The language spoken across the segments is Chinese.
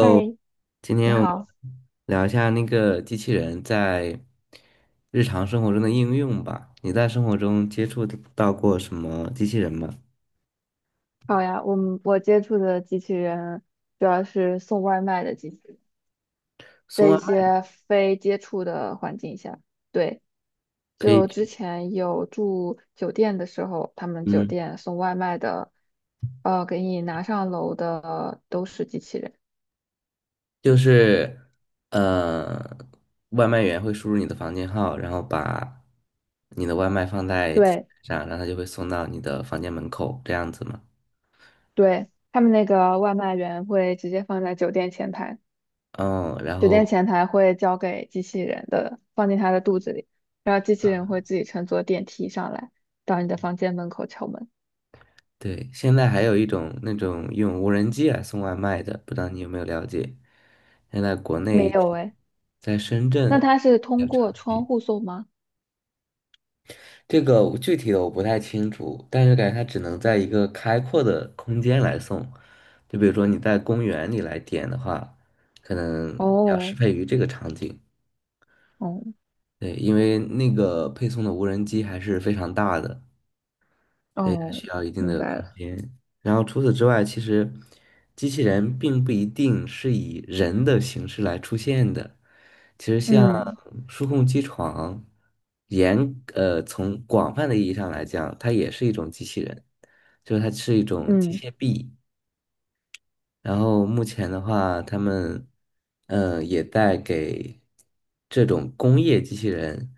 嗨，今你天我们好，聊一下那个机器人在日常生活中的应用吧。你在生活中接触到过什么机器人吗？好呀。我接触的机器人主要是送外卖的机器人，在送外一卖些非接触的环境下。对，可以就之去前有住酒店的时候，他们酒嗯，店送外卖的，给你拿上楼的都是机器人。就是呃，外卖员会输入你的房间号，然后把你的外卖放在机器对人上，然后它就会送到你的房间门口，这样子吗？对，他们那个外卖员会直接放在酒店前台。嗯，然酒店后前台会交给机器人的，放进它的肚子里，然后机器人会自己乘坐电梯上来，到你的房间门口敲门。对，现在还有一种那种用无人机来送外卖的，不知道你有没有了解？现在国没内有诶，在深那圳，它是通过窗户送吗？这个我具体的我不太清楚，但是感觉它只能在一个开阔的空间来送，就比如说你在公园里来点的话，可能要适哦，配于这个场景。哦，对，因为那个配送的无人机还是非常大的，所以它哦，需要一定明的白空了。间。然后除此之外，其实机器人并不一定是以人的形式来出现的。其实像嗯数控机床，严从广泛的意义上来讲，它也是一种机器人，就是它是一种机嗯械臂。然后目前的话，他们也在给这种工业机器人，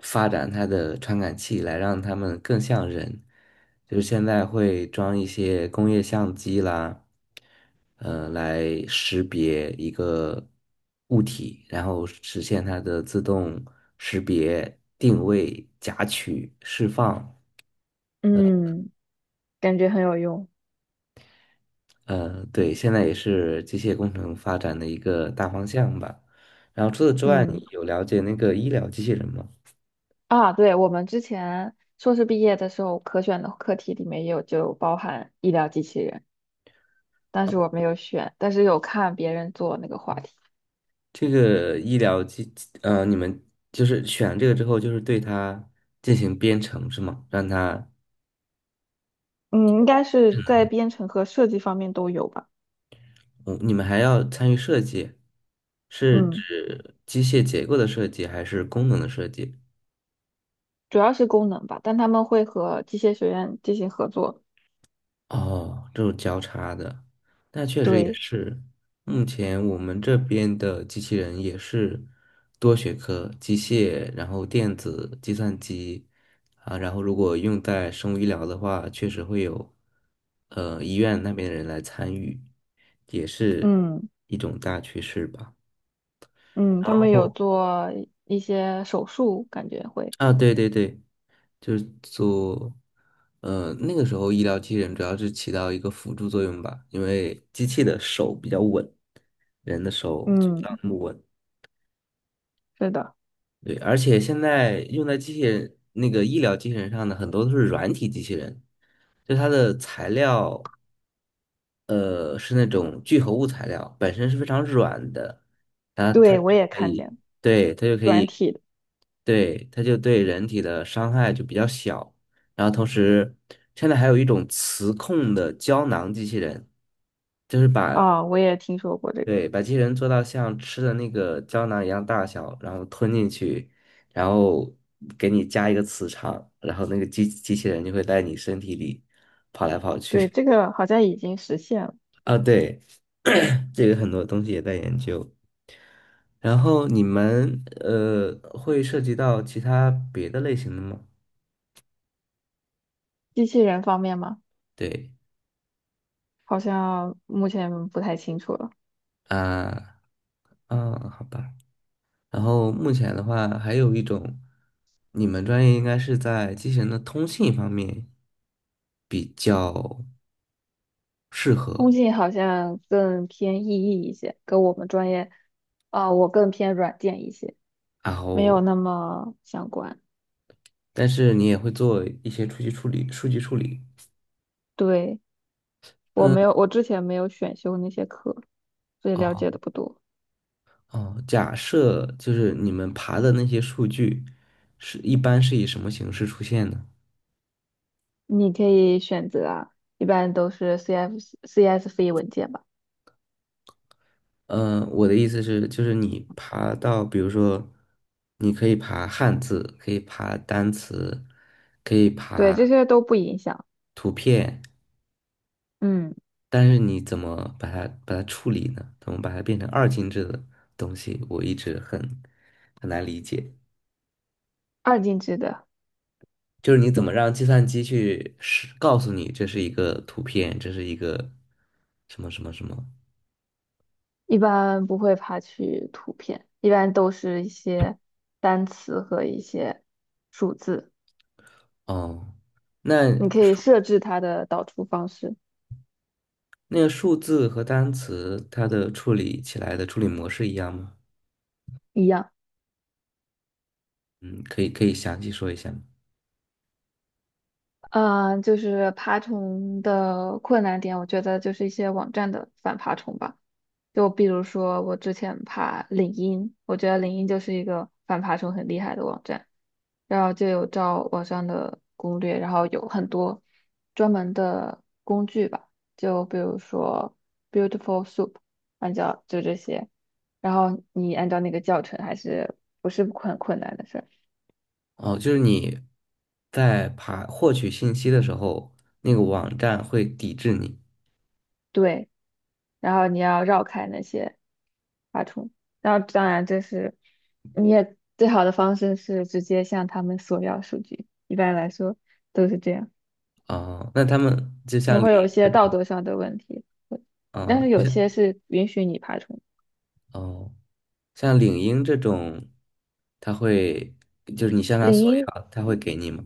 发展它的传感器，来让它们更像人。就是现在会装一些工业相机啦，来识别一个物体，然后实现它的自动识别、定位、夹取、释放。嗯，感觉很有用。对，现在也是机械工程发展的一个大方向吧。然后除此之外，嗯你有了解那个医疗机器人吗？啊，对，我们之前硕士毕业的时候，可选的课题里面也有就包含医疗机器人，但是我没有选，但是有看别人做那个话题。这个医疗机，你们就是选这个之后，就是对它进行编程是吗？嗯，应该是在编程和设计方面都有吧。嗯，你们还要参与设计，是嗯，指机械结构的设计还是功能的设计？主要是功能吧，但他们会和机械学院进行合作。哦，这种交叉的，那确实也对，是。目前我们这边的机器人也是多学科，机械，然后电子、计算机啊，然后如果用在生物医疗的话，确实会有医院那边的人来参与，也是嗯一种大趋势吧。嗯，然他们有后。做一些手术，感觉会。啊，对对对，就是做，那个时候医疗机器人主要是起到一个辅助作用吧，因为机器的手比较稳，人的手就不嗯，那么稳。是的，对，而且现在用在机器人那个医疗机器人上的很多都是软体机器人，就它的材料，是那种聚合物材料，本身是非常软的，然后它对，我就也可看见以，了对，它就可软以。体的。对，它就对人体的伤害就比较小。然后同时，现在还有一种磁控的胶囊机器人，就是把，啊，我也听说过这个。对，把机器人做到像吃的那个胶囊一样大小，然后吞进去，然后给你加一个磁场，然后那个机器人就会在你身体里跑来跑对，去。这个好像已经实现了。啊，对，这个很多东西也在研究。然后你们会涉及到其他别的类型的吗？机器人方面吗？对。好像目前不太清楚了。啊，嗯，好吧。然后目前的话，还有一种，你们专业应该是在机器人的通信方面比较适通合，信好像更偏意义一些，跟我们专业，我更偏软件一些。然没后有那么相关。但是你也会做一些数据处理，数据处理。对，我嗯，没有，我之前没有选修那些课，所以了哦解的不多。哦，假设就是你们爬的那些数据是一般是以什么形式出现呢？你可以选择啊，一般都是 CF、CSV 文件吧。我的意思是，就是你爬到，比如说，你可以爬汉字，可以爬单词，可以对，这爬些都不影响。图片，嗯，但是你怎么把它处理呢？怎么把它变成二进制的东西？我一直很难理解，二进制的就是你怎么让计算机去是告诉你这是一个图片，这是一个什么什么什么？一般不会爬取图片，一般都是一些单词和一些数字。哦，那你可以设置它的导出方式那个数字和单词它的处理起来的处理模式一样吗？一样。嗯，可以详细说一下吗？嗯，就是爬虫的困难点，我觉得就是一些网站的反爬虫吧。就比如说，我之前爬领英，我觉得领英就是一个反爬虫很厉害的网站，然后就有照网上的攻略，然后有很多专门的工具吧，就比如说 Beautiful Soup，按照就这些，然后你按照那个教程还是不是很困难的事儿。哦，就是你在爬获取信息的时候，那个网站会抵制你。对，然后你要绕开那些爬虫。然后当然这是你也最好的方式是直接向他们索要数据，一般来说都是这样，哦，那他们就也像领会有英一这些道种，德上的问题，但哦，是就有像些是允许你爬虫。哦，像领英这种，他会就是你向他领索英要，他会给你吗？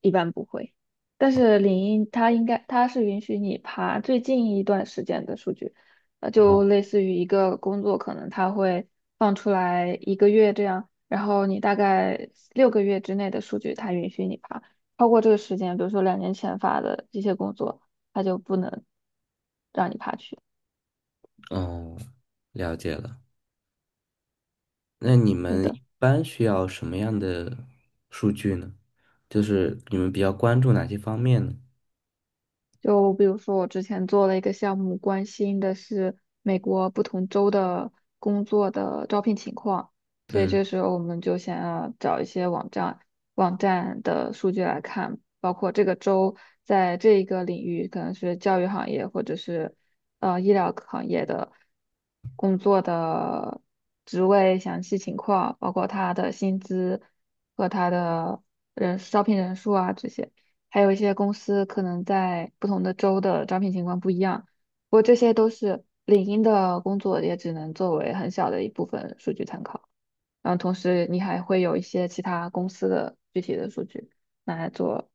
一般不会。但是领英它应该它是允许你爬最近一段时间的数据，呃，就哦类似于一个工作可能它会放出来1个月这样，然后你大概6个月之内的数据它允许你爬，超过这个时间，比如说2年前发的这些工作，它就不能让你爬去。哦，了解了。那你们的。一般需要什么样的数据呢？就是你们比较关注哪些方面呢？就比如说，我之前做了一个项目，关心的是美国不同州的工作的招聘情况，所以嗯这时候我们就想要找一些网站的数据来看，包括这个州在这一个领域，可能是教育行业或者是医疗行业的工作的职位详细情况，包括他的薪资和他的人招聘人数啊这些。还有一些公司可能在不同的州的招聘情况不一样。不过这些都是领英的工作，也只能作为很小的一部分数据参考。然后同时你还会有一些其他公司的具体的数据拿来做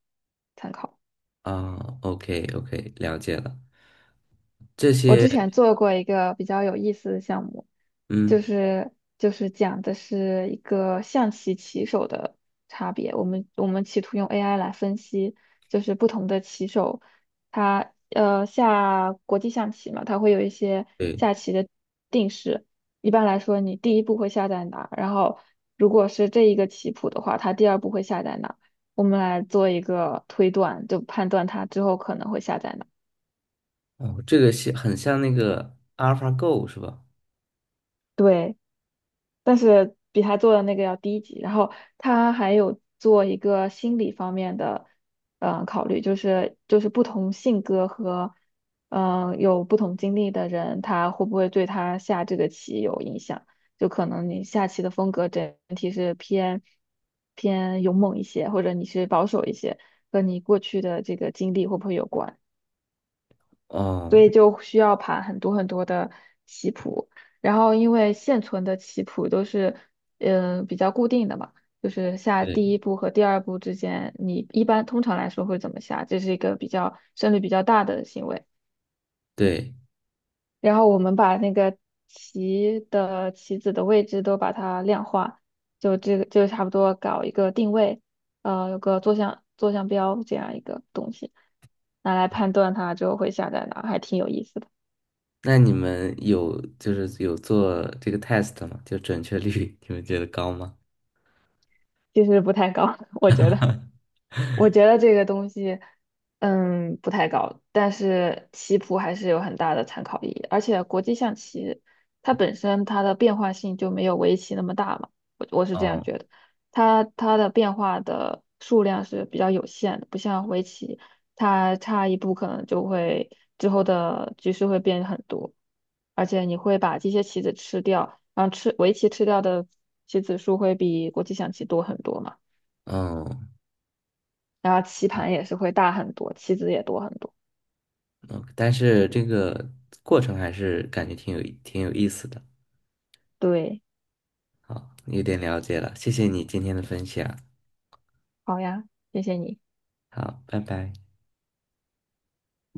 参考。啊，OK OK，了解了。这我些，之前做过一个比较有意思的项目，就嗯，是就是讲的是一个象棋棋手的差别。我们企图用 AI 来分析，就是不同的棋手，他下国际象棋嘛，他会有一些对，下棋的定式。一般来说，你第一步会下在哪？然后如果是这一个棋谱的话，他第二步会下在哪？我们来做一个推断，就判断他之后可能会下在哪。哦，这个像很像那个 AlphaGo 是吧？对。但是比他做的那个要低级。然后他还有做一个心理方面的，考虑，就是不同性格和有不同经历的人，他会不会对他下这个棋有影响？就可能你下棋的风格整体是偏勇猛一些，或者你是保守一些，和你过去的这个经历会不会有关？所哦，以就需要盘很多很多的棋谱。然后因为现存的棋谱都是比较固定的嘛，就是下第对一步和第二步之间，你一般通常来说会怎么下？这是一个比较胜率比较大的行为。对。然后我们把那个棋的棋子的位置都把它量化，就这个就差不多搞一个定位，有个坐向标这样一个东西，拿来判断它之后会下在哪，还挺有意思的。那你们有就是有做这个 test 吗？就准确率，你们觉得高吗？其实不太高，我觉得，我觉得这个东西，嗯，不太高，但是棋谱还是有很大的参考意义，而且国际象棋它本身它的变化性就没有围棋那么大嘛，我是这样哦觉得，它的变化的数量是比较有限的，不像围棋，它差一步可能就会之后的局势会变很多，而且你会把这些棋子吃掉，然后吃围棋吃掉的棋子数会比国际象棋多很多嘛。哦，然后棋盘也是会大很多，棋子也多很多。哦但是这个过程还是感觉挺有意思的。对，好，有点了解了，谢谢你今天的分享，好呀，谢谢你。好，拜拜。